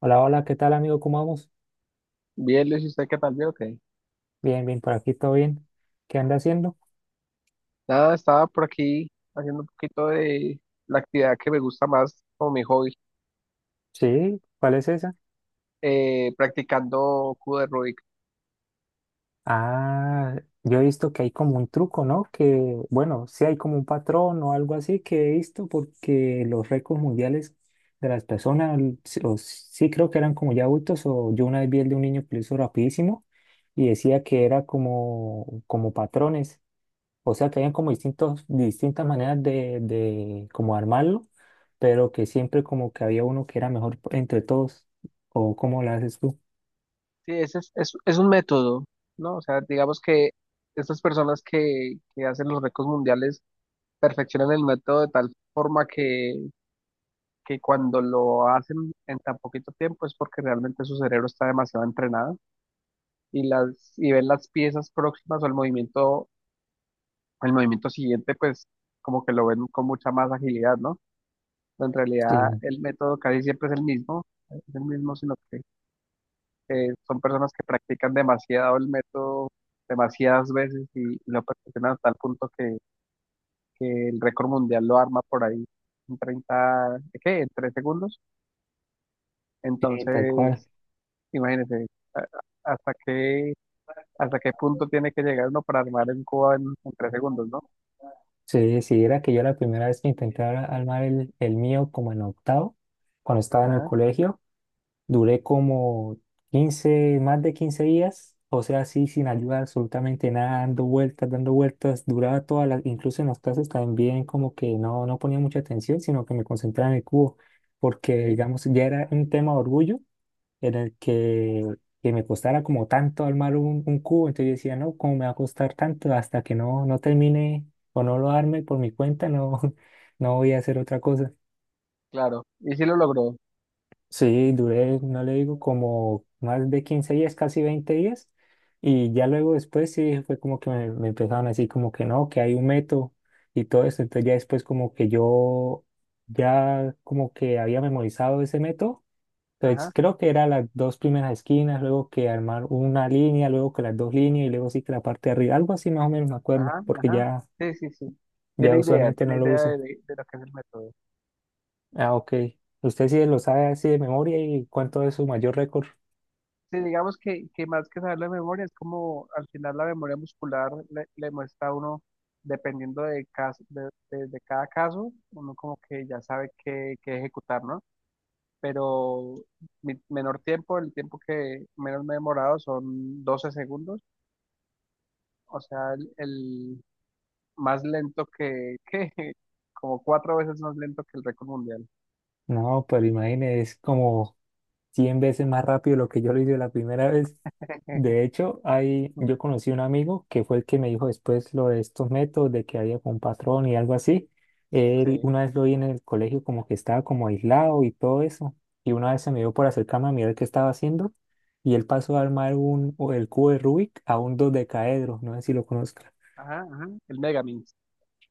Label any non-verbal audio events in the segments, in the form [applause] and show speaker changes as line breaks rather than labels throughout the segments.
Hola, hola, ¿qué tal amigo? ¿Cómo vamos?
Bien, Luis, ¿y usted qué tal? Bien, ok.
Bien, bien, por aquí todo bien. ¿Qué anda haciendo?
Nada, estaba por aquí haciendo un poquito de la actividad que me gusta más como mi hobby,
Sí, ¿cuál es esa?
practicando cubo de Rubik.
Ah, yo he visto que hay como un truco, ¿no? Que, bueno, sí hay como un patrón o algo así que he visto porque los récords mundiales de las personas, sí o sí creo que eran como ya adultos o yo una vez vi el de un niño que lo hizo rapidísimo y decía que era como, patrones. O sea que habían como distintos, distintas maneras de como armarlo, pero que siempre como que había uno que era mejor entre todos. ¿O cómo lo haces tú?
Sí, ese es un método, ¿no? O sea, digamos que estas personas que hacen los récords mundiales perfeccionan el método de tal forma que cuando lo hacen en tan poquito tiempo es porque realmente su cerebro está demasiado entrenado y ven las piezas próximas o el movimiento siguiente, pues como que lo ven con mucha más agilidad, ¿no? Pero en
Sí,
realidad el método casi siempre es el mismo, sino que son personas que practican demasiado el método demasiadas veces y lo perfeccionan a tal punto que el récord mundial lo arma por ahí en 30, ¿qué? En 3 segundos.
sí, tal cual.
Entonces, imagínense, hasta qué punto tiene que llegar uno para armar en Cuba en 3 segundos, ¿no?
Sí, sí, era que yo la primera vez que armar el mío como en octavo, cuando estaba en el
Ajá,
colegio. Duré como 15 más de 15 días, o sea, así sin ayuda absolutamente nada, dando vueltas, duraba todas las, incluso en las clases también como que no, no ponía mucha atención, sino que me concentraba en el cubo, porque
sí,
digamos ya era un tema de orgullo en el que me costara como tanto armar un cubo, entonces yo decía, no, ¿cómo me va a costar tanto? Hasta que no, no termine o no lo arme por mi cuenta, no, [laughs] no voy a hacer otra cosa.
claro. Y sí lo logró.
Sí, duré, no le digo, como más de 15 días, casi 20 días. Y ya luego después sí fue como que me empezaron así como que no, que hay un método y todo eso. Entonces ya después como que yo ya como que había memorizado ese método. Entonces
Ajá.
creo que era las dos primeras esquinas, luego que armar una línea, luego que las dos líneas y luego sí que la parte de arriba. Algo así más o menos me acuerdo,
Ajá,
porque
ajá. Sí, sí, sí.
ya
Tiene idea,
usualmente no
tiene
lo
idea
uso.
de lo que es el método.
Ah, ok. ¿Usted sí lo sabe así de memoria y cuánto es su mayor récord?
Sí, digamos que más que saber la memoria, es como al final la memoria muscular le muestra a uno, dependiendo de cada caso, uno como que ya sabe qué ejecutar, ¿no? Pero mi menor tiempo, el tiempo que menos me he demorado son 12 segundos, o sea, el más lento [laughs] como cuatro veces más lento que el récord mundial.
No, pero imagínese, es como 100 veces más rápido lo que yo lo hice la primera vez. De
[laughs]
hecho, yo conocí un amigo que fue el que me dijo después lo de estos métodos, de que había como un patrón y algo así. Él
Sí.
una vez lo vi en el colegio como que estaba como aislado y todo eso. Y una vez se me dio por acercarme a mirar qué estaba haciendo. Y él pasó a armar o el cubo de Rubik a un dodecaedro. No sé si lo conozco.
Ajá, ajá, el Megamix.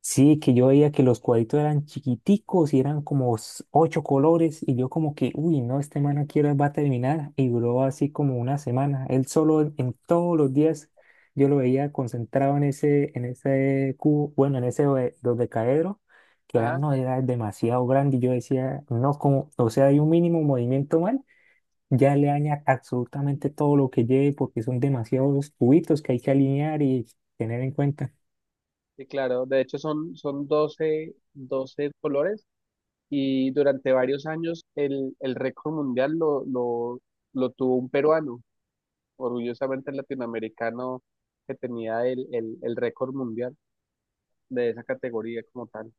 Sí, que yo veía que los cuadritos eran chiquiticos y eran como ocho colores y yo como que, uy, no, este man aquí va a terminar y duró así como una semana. Él solo en todos los días yo lo veía concentrado en ese cubo, bueno, en ese dodecaedro, que era,
Ajá,
no, era demasiado grande y yo decía, no, como, o sea, hay un mínimo movimiento mal, ya le daña absolutamente todo lo que lleve porque son demasiados cubitos que hay que alinear y tener en cuenta.
sí, claro. De hecho, son 12 colores y durante varios años el récord mundial lo tuvo un peruano, orgullosamente el latinoamericano que tenía el récord mundial de esa categoría como tal.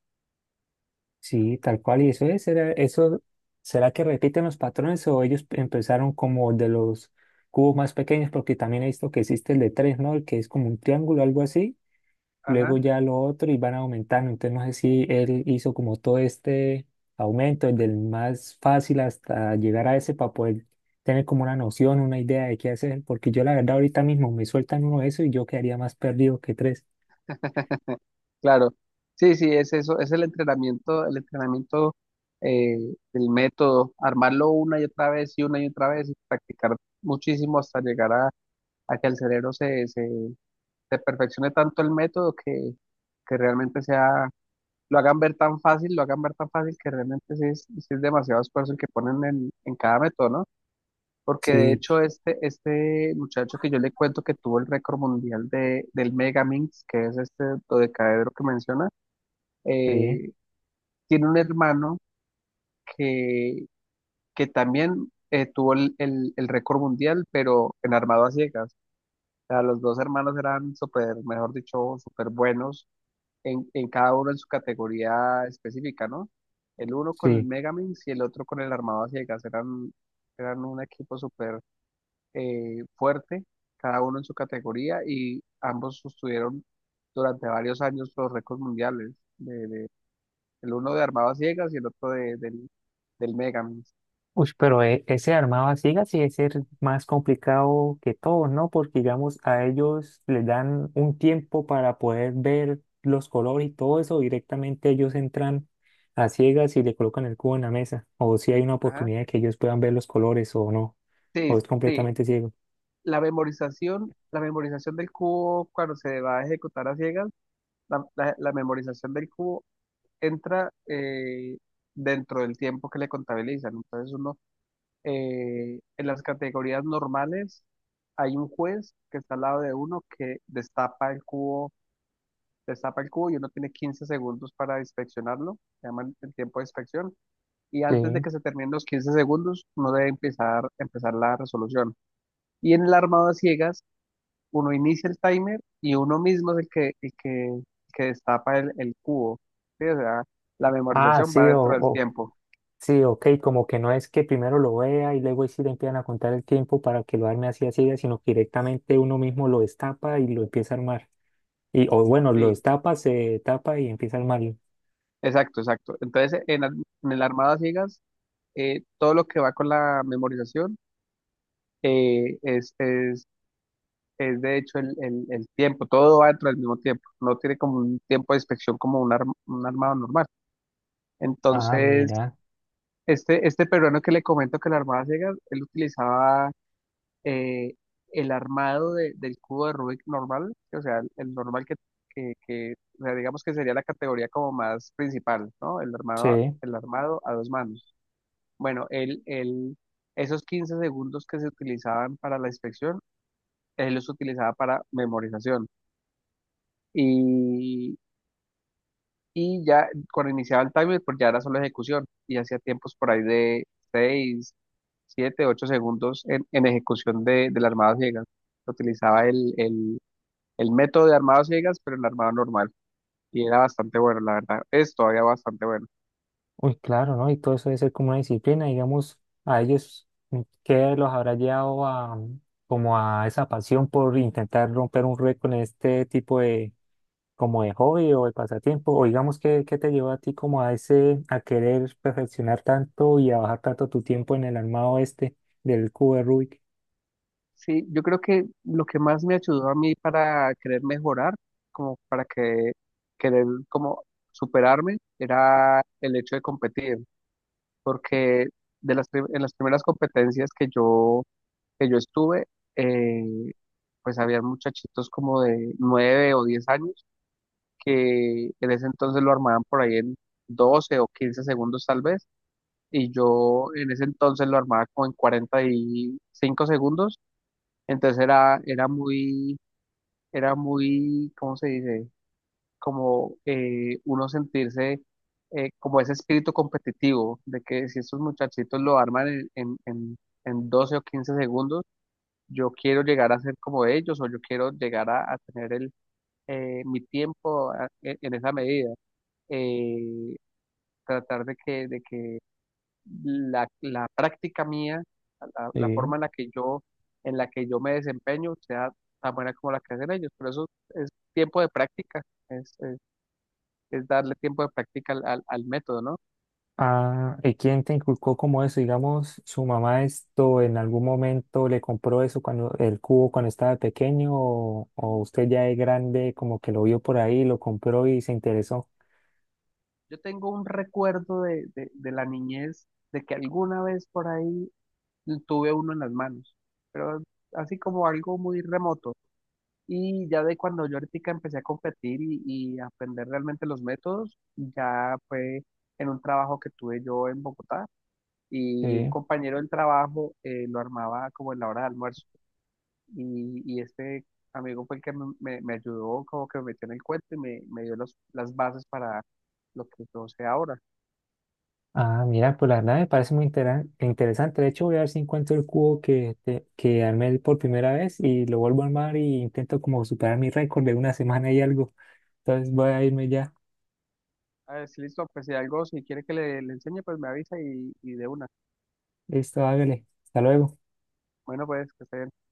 Sí, tal cual, y eso será, eso, ¿será que repiten los patrones o ellos empezaron como de los cubos más pequeños? Porque también he visto que existe el de tres, ¿no? El que es como un triángulo, algo así,
Ajá.
luego ya lo otro y van aumentando. Entonces no sé si él hizo como todo este aumento, el del más fácil hasta llegar a ese para poder tener como una noción, una idea de qué hacer, porque yo la verdad ahorita mismo me sueltan uno de eso y yo quedaría más perdido que tres.
[laughs] Claro, sí, sí, es eso, es el entrenamiento, eh, el método, armarlo una y otra vez y una y otra vez y practicar muchísimo hasta llegar a que el cerebro se perfeccione tanto el método que realmente sea, lo hagan ver tan fácil, lo hagan ver tan fácil que realmente sí es demasiado esfuerzo el que ponen en cada método, ¿no? Porque de
Sí,
hecho este muchacho que yo le cuento que tuvo el récord mundial del Megaminx, que es este dodecaedro que menciona,
sí,
eh, tiene un hermano que, que también tuvo el récord mundial, pero en armado a ciegas. Sea, los dos hermanos eran súper, mejor dicho, súper buenos en cada uno en su categoría específica, ¿no? El uno con el
sí.
Megaminx y el otro con el Armado a Ciegas. Eran un equipo súper fuerte, cada uno en su categoría y ambos sostuvieron durante varios años los récords mundiales. El uno de Armado a Ciegas y el otro del Megaminx.
Uy, pero ese armado a ciegas sí es ser más complicado que todos, ¿no? Porque, digamos, a ellos les dan un tiempo para poder ver los colores y todo eso. Directamente ellos entran a ciegas y le colocan el cubo en la mesa. O si hay una
Ajá.
oportunidad de que ellos puedan ver los colores o no.
Sí,
O es
sí.
completamente ciego.
La memorización del cubo cuando se va a ejecutar a ciegas. La memorización del cubo entra dentro del tiempo que le contabilizan. Entonces uno, en las categorías normales, hay un juez que está al lado de uno que destapa el cubo y uno tiene 15 segundos para inspeccionarlo, se llama el tiempo de inspección, y antes de
Sí.
que se terminen los 15 segundos, uno debe empezar la resolución. Y en el armado a ciegas uno inicia el timer y uno mismo es el que destapa el cubo. ¿Sí? O sea, la
Ah,
memorización
sí,
va dentro del tiempo.
sí, ok. Como que no es que primero lo vea y luego ahí sí le empiezan a contar el tiempo para que lo arme así a ciegas, sino que directamente uno mismo lo destapa y lo empieza a armar. Y, o bueno, los
Sí.
tapa, se tapa y empieza el Mario.
Exacto, exacto. Entonces, en el armado a ciegas, todo lo que va con la memorización eh, es, es, es de hecho el tiempo, todo va dentro del mismo tiempo, no tiene como un tiempo de inspección como un armado normal.
Ah,
Entonces,
mira,
este peruano que le comento que el armado a ciegas, él utilizaba eh, el armado del cubo de Rubik normal, o sea, el normal que, que, o sea, digamos que sería la categoría como más principal, ¿no?
sí.
El armado a dos manos. Bueno, el esos 15 segundos que se utilizaban para la inspección, él los utilizaba para memorización. Y, y ya cuando iniciaba el timer, pues ya era solo ejecución y hacía tiempos por ahí de 6 7 8 segundos en ejecución del armado ciegas. Utilizaba el método de armado a ciegas, pero el armado normal. Y era bastante bueno, la verdad. Es todavía bastante bueno.
Uy, claro, ¿no? Y todo eso debe ser como una disciplina, digamos, a ellos, ¿qué los habrá llevado a, como a esa pasión por intentar romper un récord en este tipo de, como de hobby o de pasatiempo? O digamos, ¿qué te llevó a ti como a ese, a querer perfeccionar tanto y a bajar tanto tu tiempo en el armado este del cubo de Rubik?
Sí, yo creo que lo que más me ayudó a mí para querer mejorar, como para que querer como superarme, era el hecho de competir, porque en las primeras competencias que yo estuve, eh, pues había muchachitos como de 9 o 10 años que en ese entonces lo armaban por ahí en 12 o 15 segundos tal vez y yo en ese entonces lo armaba como en 45 segundos, entonces era muy, ¿cómo se dice? Como uno sentirse como ese espíritu competitivo de que si estos muchachitos lo arman en 12 o 15 segundos, yo quiero llegar a ser como ellos o yo quiero llegar a tener mi tiempo en esa medida. eh, Tratar de que la práctica mía, la
Sí.
forma en la que yo me desempeño, sea tan buena como la que hacen ellos. Por eso es tiempo de práctica, es, es- es darle tiempo de práctica al método, ¿no?
Ah, ¿y quién te inculcó como eso? Digamos, su mamá esto en algún momento le compró eso cuando el cubo cuando estaba pequeño o usted ya de grande como que lo vio por ahí, lo compró y se interesó.
Yo tengo un recuerdo de la niñez, de que alguna vez por ahí tuve uno en las manos, pero así como algo muy remoto. Y ya de cuando yo ahorita empecé a competir y a aprender realmente los métodos, ya fue en un trabajo que tuve yo en Bogotá. Y un
Sí.
compañero del trabajo lo armaba como en la hora de almuerzo. Y este amigo fue el que me ayudó, como que me metió en el cuento y me dio las bases para lo que yo sé ahora.
Ah, mira, pues la verdad me parece muy interesante. De hecho, voy a ver si encuentro el cubo que armé por primera vez y lo vuelvo a armar y intento como superar mi récord de una semana y algo. Entonces voy a irme ya.
A ver, si listo, pues si algo, si quiere que le enseñe, pues me avisa y de una.
Listo, hágale. Hasta luego.
Bueno, pues que esté